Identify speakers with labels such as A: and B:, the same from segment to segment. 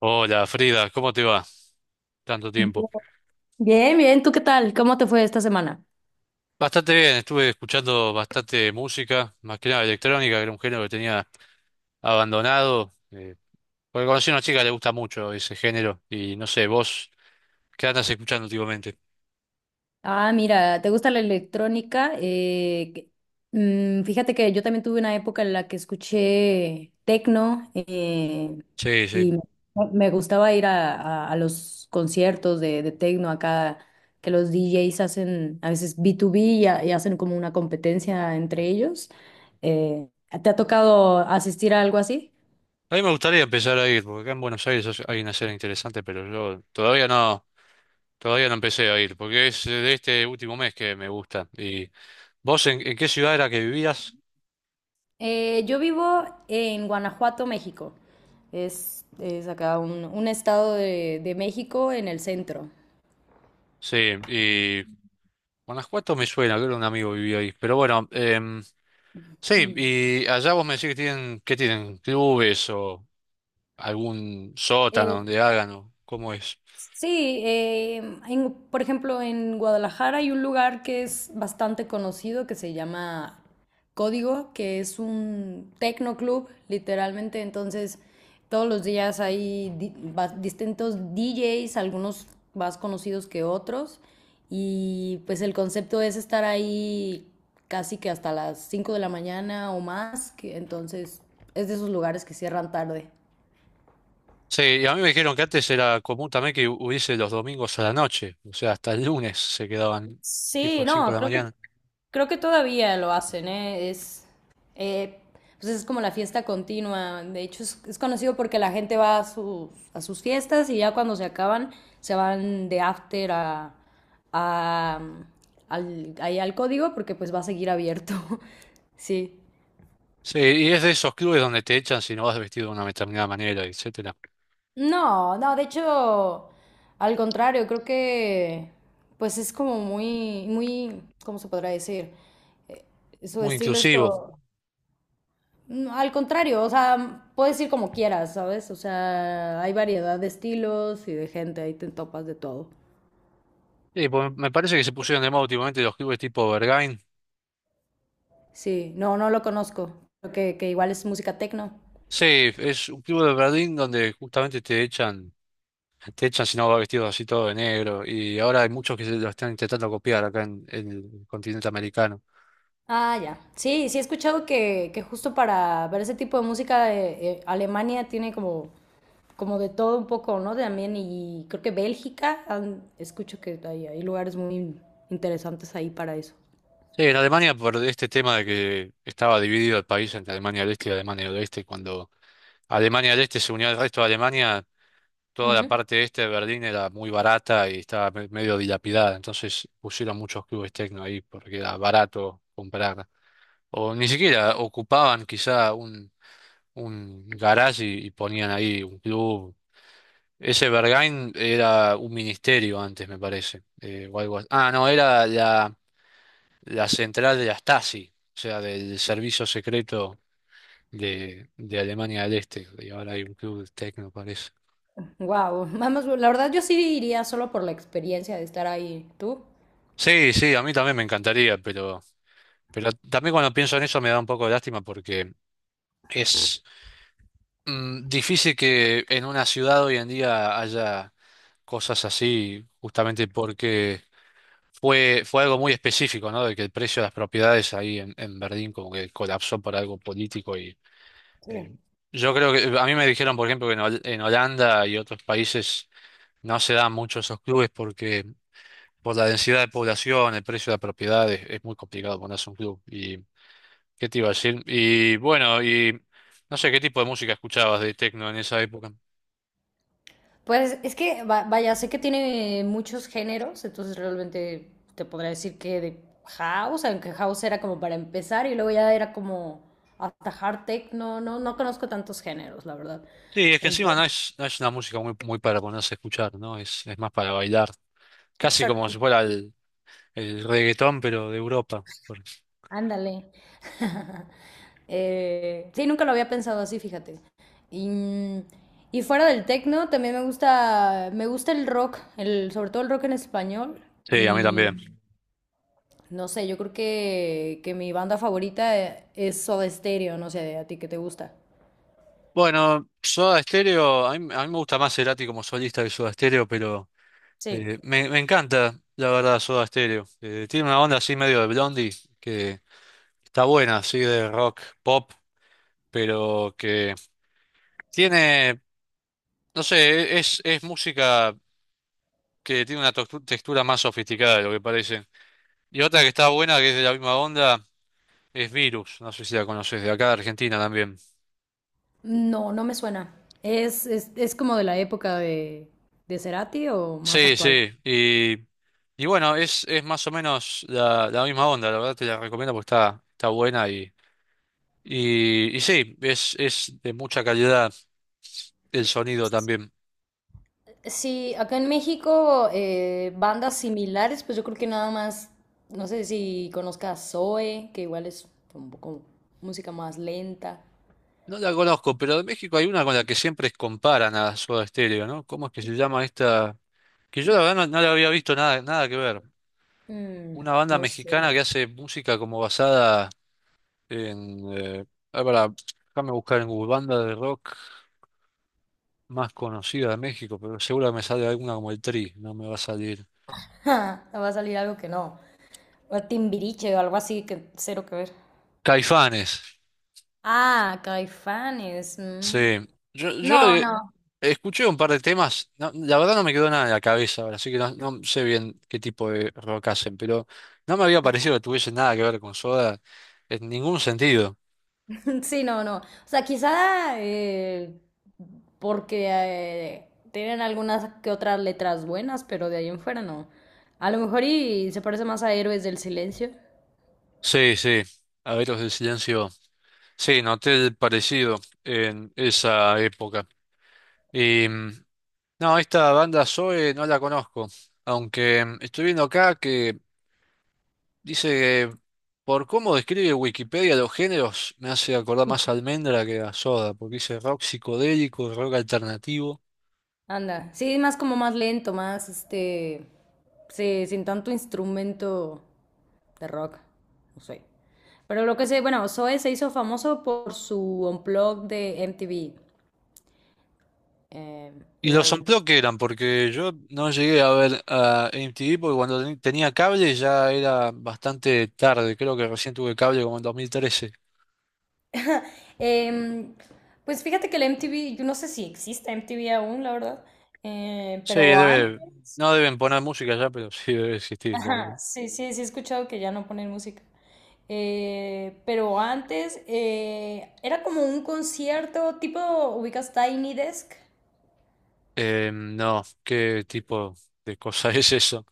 A: Hola Frida, ¿cómo te va? Tanto tiempo.
B: Bien, bien, ¿tú qué tal? ¿Cómo te fue esta semana?
A: Bastante bien, estuve escuchando bastante música, más que nada electrónica, que era un género que tenía abandonado, porque conocí a una chica que le gusta mucho ese género, y no sé, vos, ¿qué andas escuchando últimamente?
B: Ah, mira, ¿te gusta la electrónica? Fíjate que yo también tuve una época en la que escuché tecno
A: Sí,
B: y
A: sí.
B: me gustaba ir a los conciertos de tecno acá, que los DJs hacen a veces B2B y hacen como una competencia entre ellos. Eh, ¿Te ha tocado asistir a algo así?
A: A mí me gustaría empezar a ir, porque acá en Buenos Aires hay una escena interesante, pero yo todavía no empecé a ir, porque es de este último mes que me gusta. ¿Y vos en qué ciudad era que vivías?
B: Yo vivo en Guanajuato, México. Es acá un estado de México en el centro.
A: Sí, y Guanajuato me suena, creo que un amigo vivía ahí, pero bueno, sí,
B: Mm.
A: y allá vos me decís que tienen clubes o algún sótano donde hagan o cómo es.
B: Sí, por ejemplo, en Guadalajara hay un lugar que es bastante conocido que se llama Código, que es un tecnoclub, literalmente. Entonces, todos los días hay distintos DJs, algunos más conocidos que otros. Y pues el concepto es estar ahí casi que hasta las 5 de la mañana o más, que entonces es de esos lugares que cierran tarde.
A: Sí, y a mí me dijeron que antes era común también que hubiese los domingos a la noche, o sea, hasta el lunes se quedaban tipo
B: Sí,
A: 5 de
B: no,
A: la mañana.
B: creo que todavía lo hacen, ¿eh? Es eh, pues es como la fiesta continua. De hecho, es conocido porque la gente va a a sus fiestas y ya cuando se acaban, se van de after a, ahí al código porque pues va a seguir abierto. Sí.
A: Sí, y es de esos clubes donde te echan si no vas vestido de una determinada manera, etcétera.
B: No, no, de hecho, al contrario, creo que pues es como muy, muy, ¿cómo se podrá decir? Eh, Su
A: Muy
B: estilo es
A: inclusivo.
B: como... No, al contrario, o sea, puedes ir como quieras, ¿sabes? O sea, hay variedad de estilos y de gente, ahí te topas de todo.
A: Sí, pues me parece que se pusieron de moda últimamente los clubes tipo Berghain.
B: Sí, no, no lo conozco. Creo que igual es música techno.
A: Sí, es un club de Berlín donde justamente te echan. Te echan si no va vestido así todo de negro. Y ahora hay muchos que se lo están intentando copiar acá en el continente americano.
B: Ah, ya. Sí, sí he escuchado que justo para ver ese tipo de música, Alemania tiene como, como de todo un poco, ¿no? También, y creo que Bélgica, escucho que hay lugares muy interesantes ahí para eso.
A: Sí, en Alemania por este tema de que estaba dividido el país entre Alemania del Este y Alemania del Oeste. Cuando Alemania del Este se unió al resto de Alemania, toda la parte este de Berlín era muy barata y estaba medio dilapidada. Entonces pusieron muchos clubes techno ahí porque era barato comprar. O ni siquiera ocupaban quizá un garage y ponían ahí un club. Ese Berghain era un ministerio antes, me parece, o algo así. Ah, no, era la central de la Stasi, o sea, del servicio secreto de Alemania del Este. Y ahora hay un club de techno, parece.
B: Wow, vamos, la verdad yo sí iría solo por la experiencia de estar ahí. ¿Tú?
A: Sí, sí, a mí también me encantaría, pero también cuando pienso en eso me da un poco de lástima porque es difícil que en una ciudad hoy en día haya cosas así, justamente porque fue algo muy específico, ¿no? De que el precio de las propiedades ahí en Berlín como que colapsó por algo político y eh,
B: Sí.
A: yo creo que a mí me dijeron, por ejemplo, que en Holanda y otros países no se dan mucho esos clubes porque por la densidad de población, el precio de las propiedades, es muy complicado ponerse un club. ¿Y qué te iba a decir? Y bueno, y no sé qué tipo de música escuchabas de techno en esa época.
B: Pues es que, vaya, sé que tiene muchos géneros, entonces realmente te podría decir que de house, aunque house era como para empezar y luego ya era como hasta hard tech, no conozco tantos géneros, la verdad.
A: Sí, es que encima no
B: Entonces,
A: es, no es una música muy, muy para ponerse a escuchar, ¿no? Es más para bailar. Casi como
B: exacto,
A: si fuera el reggaetón, pero de Europa. Por...
B: ándale. Sí, nunca lo había pensado así, fíjate. Y, y fuera del techno, también me gusta el rock, el, sobre todo el rock en español.
A: Sí, a mí también.
B: No sé, yo creo que mi banda favorita es Soda Stereo, no sé, ¿a ti qué te gusta?
A: Bueno, Soda Stereo, a mí me gusta más Cerati como solista que Soda Stereo, pero
B: Sí.
A: me, me encanta, la verdad, Soda Stereo. Tiene una onda así medio de Blondie, que está buena, así de rock, pop, pero que tiene, no sé, es música que tiene una textura más sofisticada de lo que parece. Y otra que está buena, que es de la misma onda, es Virus, no sé si la conoces, de acá de Argentina también.
B: No, no me suena. ¿Es como de la época de Cerati o más
A: Sí,
B: actual?
A: sí. Y bueno, es más o menos la misma onda, la verdad te la recomiendo porque está, está buena y sí, es de mucha calidad el sonido también.
B: Sí, acá en México, bandas similares, pues yo creo que nada más, no sé si conozcas Zoe, que igual es un poco música más lenta.
A: No la conozco, pero de México hay una con la que siempre comparan a Soda Stereo, ¿no? ¿Cómo es que se llama esta? Que yo la verdad no, no la había visto nada, nada que ver.
B: Mm,
A: Una banda
B: no sé.
A: mexicana que hace música como basada en... ah, pará, déjame buscar en Google, banda de rock más conocida de México, pero seguro que me sale alguna como el Tri, no me va a salir.
B: Ja, va a salir algo que no. O Timbiriche o algo así que cero que ver.
A: Caifanes,
B: Ah, Caifanes. Mm.
A: sí. Yo, yo,
B: No,
A: eh,
B: no.
A: escuché un par de temas, no, la verdad no me quedó nada en la cabeza ahora, así que no, no sé bien qué tipo de rock hacen, pero no me había parecido que tuviese nada que ver con Soda en ningún sentido.
B: Sí, no, no. O sea, quizá porque tienen algunas que otras letras buenas, pero de ahí en fuera no. A lo mejor y se parece más a Héroes del Silencio.
A: Sí, sí, Abetos del Silencio. Sí, noté el parecido en esa época. Y no, esta banda Zoe no la conozco, aunque estoy viendo acá que dice que por cómo describe Wikipedia los géneros, me hace acordar más a Almendra que a Soda, porque dice rock psicodélico, rock alternativo.
B: Anda. Sí, más como más lento, más este. Sí, sin tanto instrumento de rock. No sé. Pero lo que sé, bueno, Zoe se hizo famoso por su unplug de MTV. Eh,
A: Y los
B: Igual.
A: unplugged que eran, porque yo no llegué a ver a MTV porque cuando tenía cable ya era bastante tarde, creo que recién tuve cable como en 2013.
B: Em, pues fíjate que la MTV, yo no sé si existe MTV aún, la verdad, eh,
A: Sí,
B: pero
A: debe,
B: antes,
A: no deben poner música ya, pero sí debe existir todavía.
B: ajá, sí, sí, sí he escuchado que ya no ponen música. Pero antes Era como un concierto tipo, ubicas Tiny Desk.
A: No, ¿qué tipo de cosa es eso?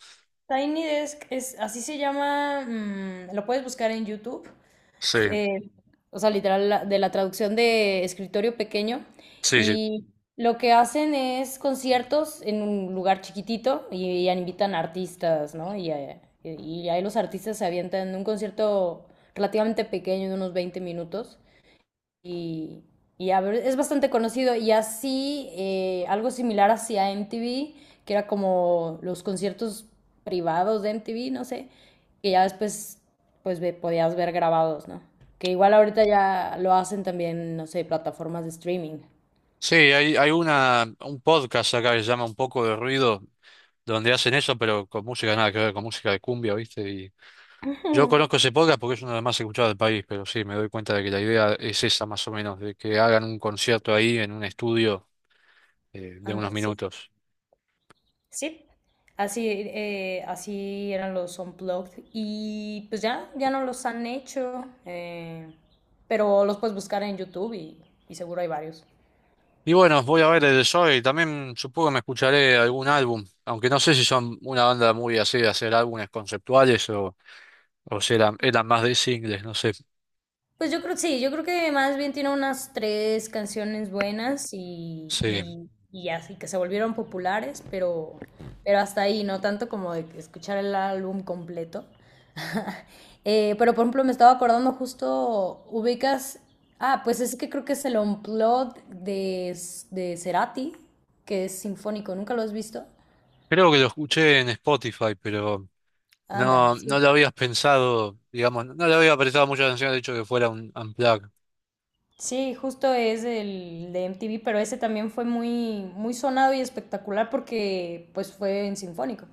B: Tiny Desk es, así se llama, lo puedes buscar en YouTube.
A: Sí,
B: eh, o sea, literal, de la traducción de escritorio pequeño.
A: sí, sí.
B: Y lo que hacen es conciertos en un lugar chiquitito y invitan artistas, ¿no? Y ahí los artistas se avientan en un concierto relativamente pequeño, de unos 20 minutos y, y a ver, es bastante conocido. Y así, algo similar hacia MTV, que era como los conciertos privados de MTV, no sé, que ya después pues podías ver grabados, ¿no? Que igual ahorita ya lo hacen también, no sé, plataformas de streaming.
A: Sí, hay un podcast acá que se llama Un poco de ruido, donde hacen eso, pero con música nada que ver, con música de cumbia, ¿viste? Y yo
B: Ujú.
A: conozco ese podcast porque es uno de los más escuchados del país, pero sí, me doy cuenta de que la idea es esa más o menos, de que hagan un concierto ahí en un estudio, de unos
B: Ándale, sí.
A: minutos.
B: Sí. Así, así eran los Unplugged. Y pues ya no los han hecho. Pero los puedes buscar en YouTube y seguro hay varios.
A: Y bueno, voy a ver el de Zoe, también supongo que me escucharé algún álbum, aunque no sé si son una banda muy así de hacer álbumes conceptuales o si eran, eran más de singles, no sé.
B: Pues yo creo, sí, yo creo que más bien tiene unas tres canciones buenas
A: Sí.
B: y así que se volvieron populares, pero hasta ahí, no tanto como de que escuchar el álbum completo. Pero por ejemplo, me estaba acordando justo, ubicas, ah, pues es que creo que es el Unplugged de Cerati, que es sinfónico, ¿nunca lo has visto?
A: Creo que lo escuché en Spotify, pero...
B: Anda,
A: No,
B: sí.
A: no lo habías pensado, digamos, no le había prestado mucha atención al hecho de que fuera un unplugged.
B: Sí, justo es el de MTV, pero ese también fue muy, muy sonado y espectacular porque pues fue en Sinfónico.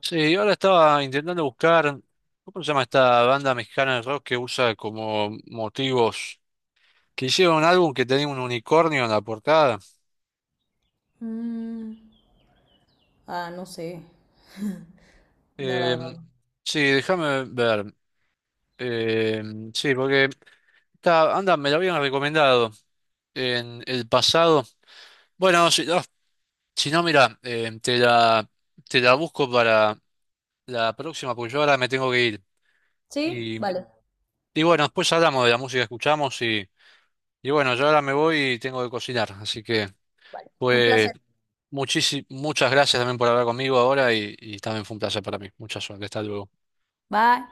A: Sí, ahora estaba intentando buscar, ¿cómo se llama esta banda mexicana de rock que usa como motivos? Que hicieron un álbum que tenía un unicornio en la portada.
B: Mm, no sé. No, la
A: Eh,
B: verdad.
A: sí, déjame ver. Eh, sí, porque esta banda me la habían recomendado en el pasado. Bueno, si no, si no, mira, te te la busco para la próxima, porque yo ahora me tengo que
B: Sí,
A: ir.
B: vale.
A: Y bueno, después hablamos de la música que escuchamos y bueno, yo ahora me voy y tengo que cocinar. Así que
B: Un
A: fue
B: placer.
A: muchísimas, muchas gracias también por hablar conmigo ahora y también fue un placer para mí. Mucha suerte. Hasta luego.
B: Bye.